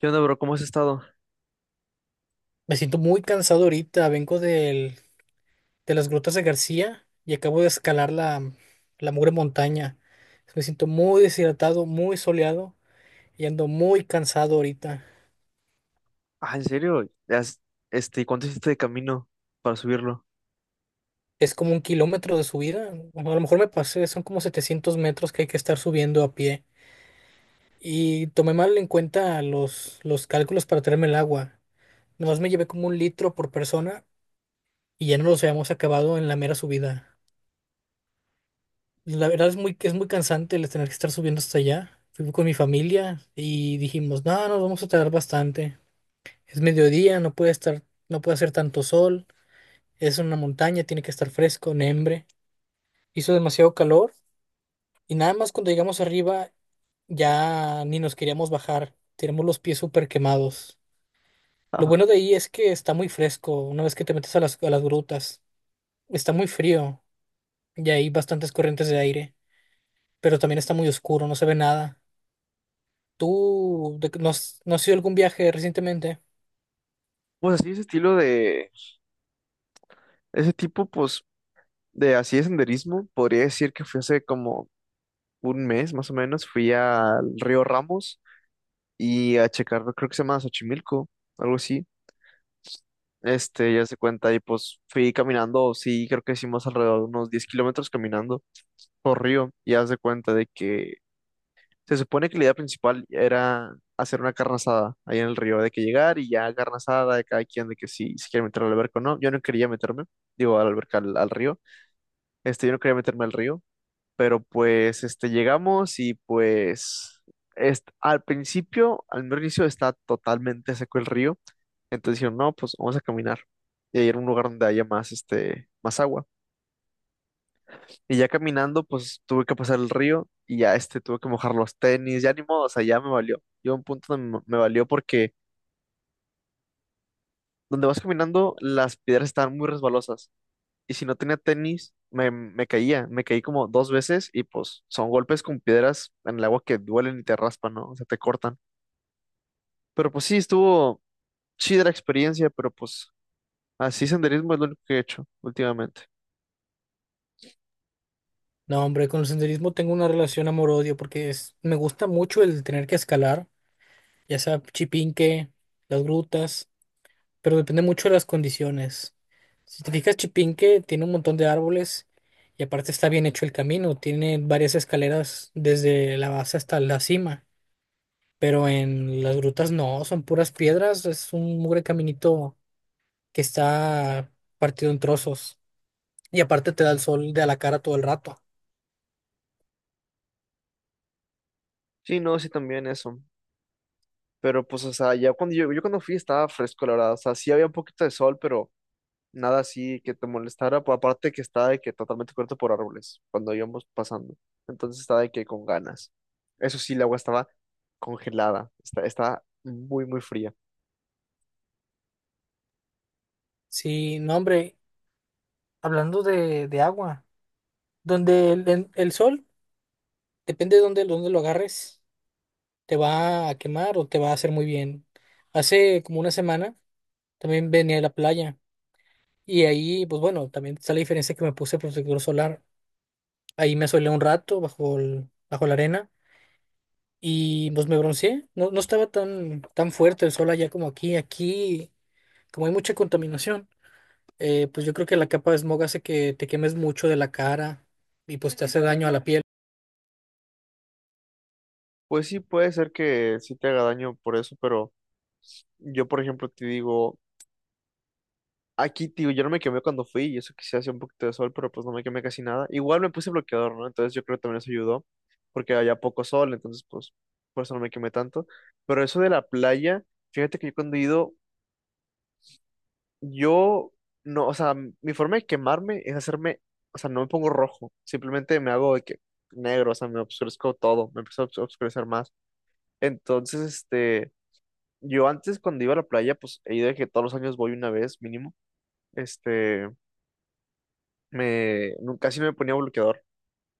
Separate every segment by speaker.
Speaker 1: ¿Qué onda, bro? ¿Cómo has estado?
Speaker 2: Me siento muy cansado ahorita, de las grutas de García y acabo de escalar la mugre montaña. Me siento muy deshidratado, muy soleado y ando muy cansado ahorita.
Speaker 1: Ah, ¿en serio? ¿Cuánto hiciste de camino para subirlo?
Speaker 2: Es como un kilómetro de subida, bueno, a lo mejor me pasé, son como 700 metros que hay que estar subiendo a pie. Y tomé mal en cuenta los cálculos para traerme el agua. Nomás me llevé como un litro por persona y ya no los habíamos acabado en la mera subida. Pues la verdad es es muy cansante el tener que estar subiendo hasta allá. Fui con mi familia y dijimos, no, nos vamos a tardar bastante. Es mediodía, no puede hacer tanto sol. Es una montaña, tiene que estar fresco, nembre. Hizo demasiado calor y nada más cuando llegamos arriba ya ni nos queríamos bajar. Tenemos los pies súper quemados. Lo
Speaker 1: Ajá.
Speaker 2: bueno de ahí es que está muy fresco una vez que te metes a a las grutas. Está muy frío y hay bastantes corrientes de aire, pero también está muy oscuro, no se ve nada. ¿Tú de no has, no has ido a algún viaje recientemente?
Speaker 1: Pues así ese estilo de, ese tipo pues de así de senderismo, podría decir que fui hace como un mes más o menos, fui al río Ramos y a checar, creo que se llama Xochimilco, algo así, ya se cuenta y pues fui caminando, sí, creo que hicimos alrededor de unos 10 kilómetros caminando por río, y haz de cuenta de que se supone que la idea principal era hacer una carne asada ahí en el río, de que llegar y ya carne asada de cada quien, de que si se quiere meter al alberca o no. Yo no quería meterme, digo, al alberca, al, al río. Yo no quería meterme al río, pero pues llegamos y pues al principio, al mero inicio, está totalmente seco el río. Entonces dijeron, no, pues vamos a caminar. Y ahí era un lugar donde haya más, más agua. Y ya caminando, pues tuve que pasar el río, y ya tuve que mojar los tenis, ya ni modo, o sea, ya me valió. Yo a un punto donde me valió porque donde vas caminando las piedras estaban muy resbalosas, y si no tenía tenis me caía, me caí como dos veces, y pues son golpes con piedras en el agua que duelen y te raspan, ¿no? O sea, te cortan. Pero pues sí, estuvo chida la experiencia, pero pues así senderismo es lo único que he hecho últimamente.
Speaker 2: No, hombre, con el senderismo tengo una relación amor-odio me gusta mucho el tener que escalar, ya sea Chipinque, las grutas, pero depende mucho de las condiciones. Si te fijas, Chipinque tiene un montón de árboles y aparte está bien hecho el camino, tiene varias escaleras desde la base hasta la cima, pero en las grutas no, son puras piedras, es un mugre caminito que está partido en trozos. Y aparte te da el sol de a la cara todo el rato.
Speaker 1: Sí, no, sí también eso. Pero pues, o sea, ya yo cuando fui estaba fresco, la verdad. O sea, sí había un poquito de sol, pero nada así que te molestara, pues aparte que está de que totalmente cubierto por árboles cuando íbamos pasando. Entonces está de que con ganas. Eso sí, el agua estaba congelada, está muy, muy fría.
Speaker 2: Sí, no, hombre, hablando de agua, donde el sol, depende de dónde lo agarres, te va a quemar o te va a hacer muy bien. Hace como una semana también venía a la playa y ahí, pues bueno, también está la diferencia que me puse protector solar. Ahí me asolé un rato bajo la arena y pues me bronceé. No, no estaba tan fuerte el sol allá como aquí. Aquí, como hay mucha contaminación. Pues yo creo que la capa de smog hace que te quemes mucho de la cara y pues te hace daño a la piel.
Speaker 1: Pues sí, puede ser que sí te haga daño por eso, pero yo, por ejemplo, te digo, aquí, tío, yo no me quemé cuando fui, y eso que sí hacía un poquito de sol, pero pues no me quemé casi nada. Igual me puse bloqueador, ¿no? Entonces yo creo que también eso ayudó, porque había poco sol, entonces pues por eso no me quemé tanto. Pero eso de la playa, fíjate que yo cuando he ido, yo no, o sea, mi forma de quemarme es hacerme, o sea, no me pongo rojo, simplemente me hago de que negro, o sea, me obscurezco todo, me empiezo a obscurecer más. Entonces, yo antes cuando iba a la playa, pues he ido de que todos los años voy una vez mínimo, este, casi no me ponía bloqueador.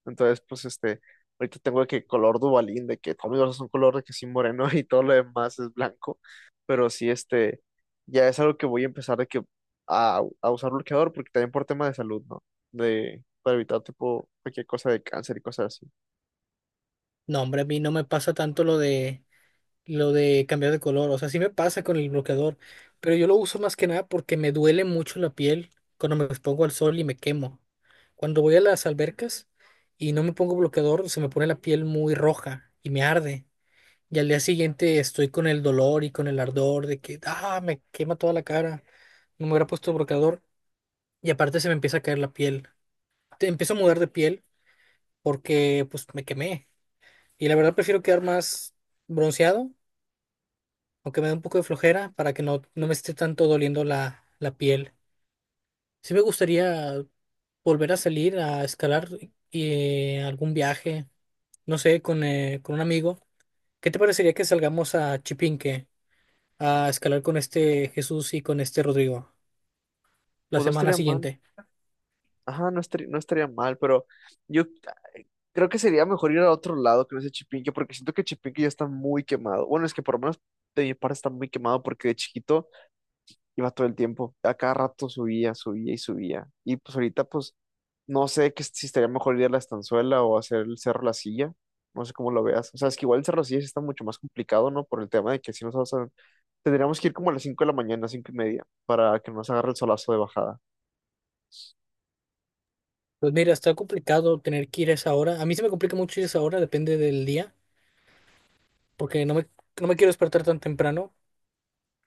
Speaker 1: Entonces, pues ahorita tengo de que color Dubalín, de que Tommy Verso es un color de que sí moreno y todo lo demás es blanco, pero sí ya es algo que voy a empezar de que a usar bloqueador, porque también por tema de salud, ¿no? De, para evitar tipo cualquier cosa de cáncer y cosas así.
Speaker 2: No, hombre, a mí no me pasa tanto lo de cambiar de color. O sea, sí me pasa con el bloqueador, pero yo lo uso más que nada porque me duele mucho la piel cuando me expongo al sol y me quemo. Cuando voy a las albercas y no me pongo bloqueador, se me pone la piel muy roja y me arde. Y al día siguiente estoy con el dolor y con el ardor de que, ah, me quema toda la cara. No me hubiera puesto bloqueador y aparte se me empieza a caer la piel. Te empiezo a mudar de piel porque pues me quemé. Y la verdad prefiero quedar más bronceado, aunque me dé un poco de flojera para que no me esté tanto doliendo la piel. Sí me gustaría volver a salir a escalar algún viaje, no sé, con un amigo. ¿Qué te parecería que salgamos a Chipinque a escalar con este Jesús y con este Rodrigo la
Speaker 1: Pues no
Speaker 2: semana
Speaker 1: estaría mal,
Speaker 2: siguiente?
Speaker 1: ajá, no estaría mal, pero yo creo que sería mejor ir a otro lado que no sea Chipinque, porque siento que Chipinque ya está muy quemado. Bueno, es que por lo menos de mi parte está muy quemado porque de chiquito iba todo el tiempo, a cada rato subía, subía y subía. Y pues ahorita pues no sé que, si estaría mejor ir a la Estanzuela o hacer el Cerro La Silla. No sé cómo lo veas. O sea, es que igual el Cerro La Silla sí está mucho más complicado, ¿no? Por el tema de que si nos vamos a- tendríamos que ir como a las 5 de la mañana, 5 y media, para que no nos agarre el solazo de bajada.
Speaker 2: Pues mira, está complicado tener que ir a esa hora. A mí se me complica mucho ir a esa hora, depende del día porque no me quiero despertar tan temprano,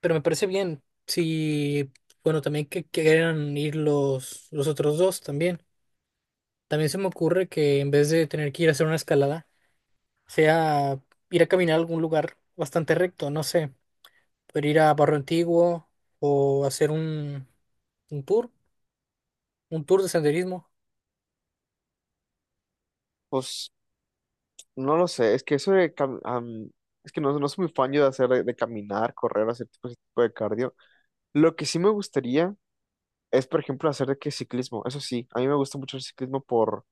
Speaker 2: pero me parece bien. Sí, bueno, también que quieran ir los otros dos también. También se me ocurre que en vez de tener que ir a hacer una escalada, sea ir a caminar a algún lugar bastante recto, no sé, poder ir a Barrio Antiguo o hacer un tour, un tour de senderismo.
Speaker 1: Pues no lo sé, es que eso de... es que no soy muy fan yo de hacer, de caminar, correr, hacer tipo, ese tipo de cardio. Lo que sí me gustaría es, por ejemplo, hacer de que ciclismo. Eso sí, a mí me gusta mucho el ciclismo por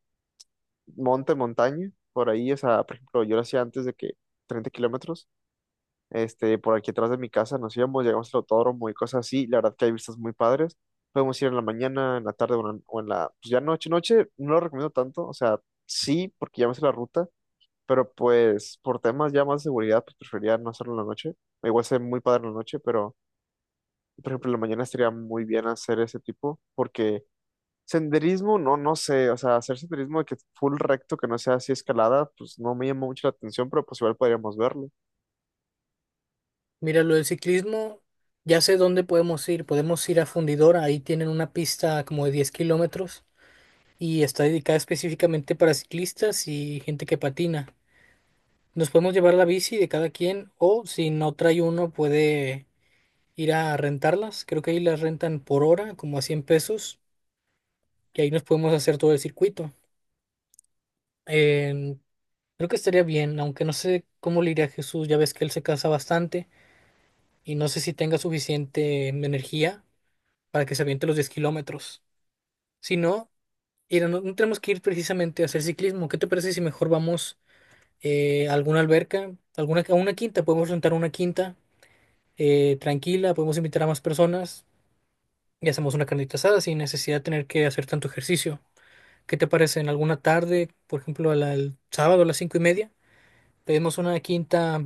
Speaker 1: montaña, por ahí, o sea, por ejemplo, yo lo hacía antes de que 30 kilómetros, por aquí atrás de mi casa nos íbamos, llegamos al autódromo y cosas así, la verdad que hay vistas muy padres, podemos ir en la mañana, en la tarde o en la, pues ya noche, noche, no lo recomiendo tanto, o sea, sí, porque ya me sé la ruta, pero pues por temas ya más de seguridad, pues preferiría no hacerlo en la noche, igual sé muy padre en la noche, pero por ejemplo, en la mañana estaría muy bien hacer ese tipo, porque senderismo, no, no sé, o sea, hacer senderismo de que full recto, que no sea así escalada, pues no me llamó mucho la atención, pero pues igual podríamos verlo. O
Speaker 2: Mira, lo del ciclismo, ya sé dónde podemos ir. Podemos ir a Fundidora, ahí tienen una pista como de 10 kilómetros y está dedicada específicamente para ciclistas y gente que patina. Nos podemos llevar la bici de cada quien o si no trae uno puede ir a rentarlas. Creo que ahí las rentan por hora, como a 100 pesos, y ahí nos podemos hacer todo el circuito. En- Creo que estaría bien, aunque no sé cómo le iría a Jesús, ya ves que él se cansa bastante y no sé si tenga suficiente energía para que se aviente los 10 kilómetros. Si no, mira, no tenemos que ir precisamente a hacer ciclismo. ¿Qué te parece si mejor vamos? Alguna alberca, a una quinta, podemos rentar una quinta tranquila, podemos invitar a más personas y hacemos una carnita asada sin necesidad de tener que hacer tanto ejercicio. ¿Qué te parece? En alguna tarde, por ejemplo, el sábado a las 5:30, pedimos una quinta.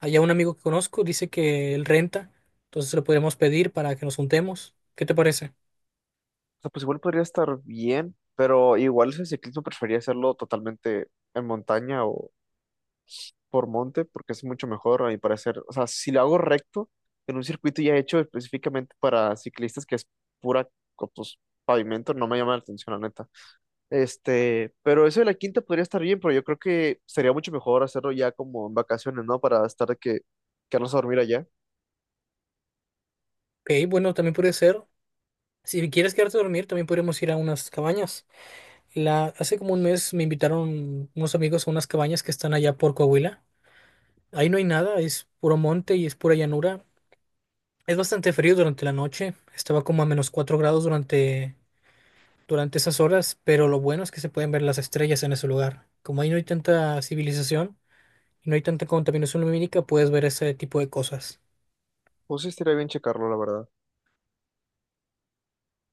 Speaker 2: Allá un amigo que conozco dice que él renta, entonces lo podríamos pedir para que nos juntemos. ¿Qué te parece?
Speaker 1: sea, pues igual podría estar bien, pero igual ese ciclismo prefería hacerlo totalmente en montaña o por monte, porque es mucho mejor a mi parecer. O sea, si lo hago recto, en un circuito ya hecho específicamente para ciclistas, que es pura, pues, pavimento, no me llama la atención, la neta. Pero eso de la quinta podría estar bien, pero yo creo que sería mucho mejor hacerlo ya como en vacaciones, ¿no? Para estar de que quedarnos a dormir allá.
Speaker 2: Ok, bueno, también puede ser. Si quieres quedarte a dormir, también podríamos ir a unas cabañas. Hace como un mes me invitaron unos amigos a unas cabañas que están allá por Coahuila. Ahí no hay nada, es puro monte y es pura llanura. Es bastante frío durante la noche, estaba como a -4 grados durante esas horas, pero lo bueno es que se pueden ver las estrellas en ese lugar. Como ahí no hay tanta civilización y no hay tanta contaminación lumínica, puedes ver ese tipo de cosas.
Speaker 1: Pues sí, estaría bien checarlo, la verdad.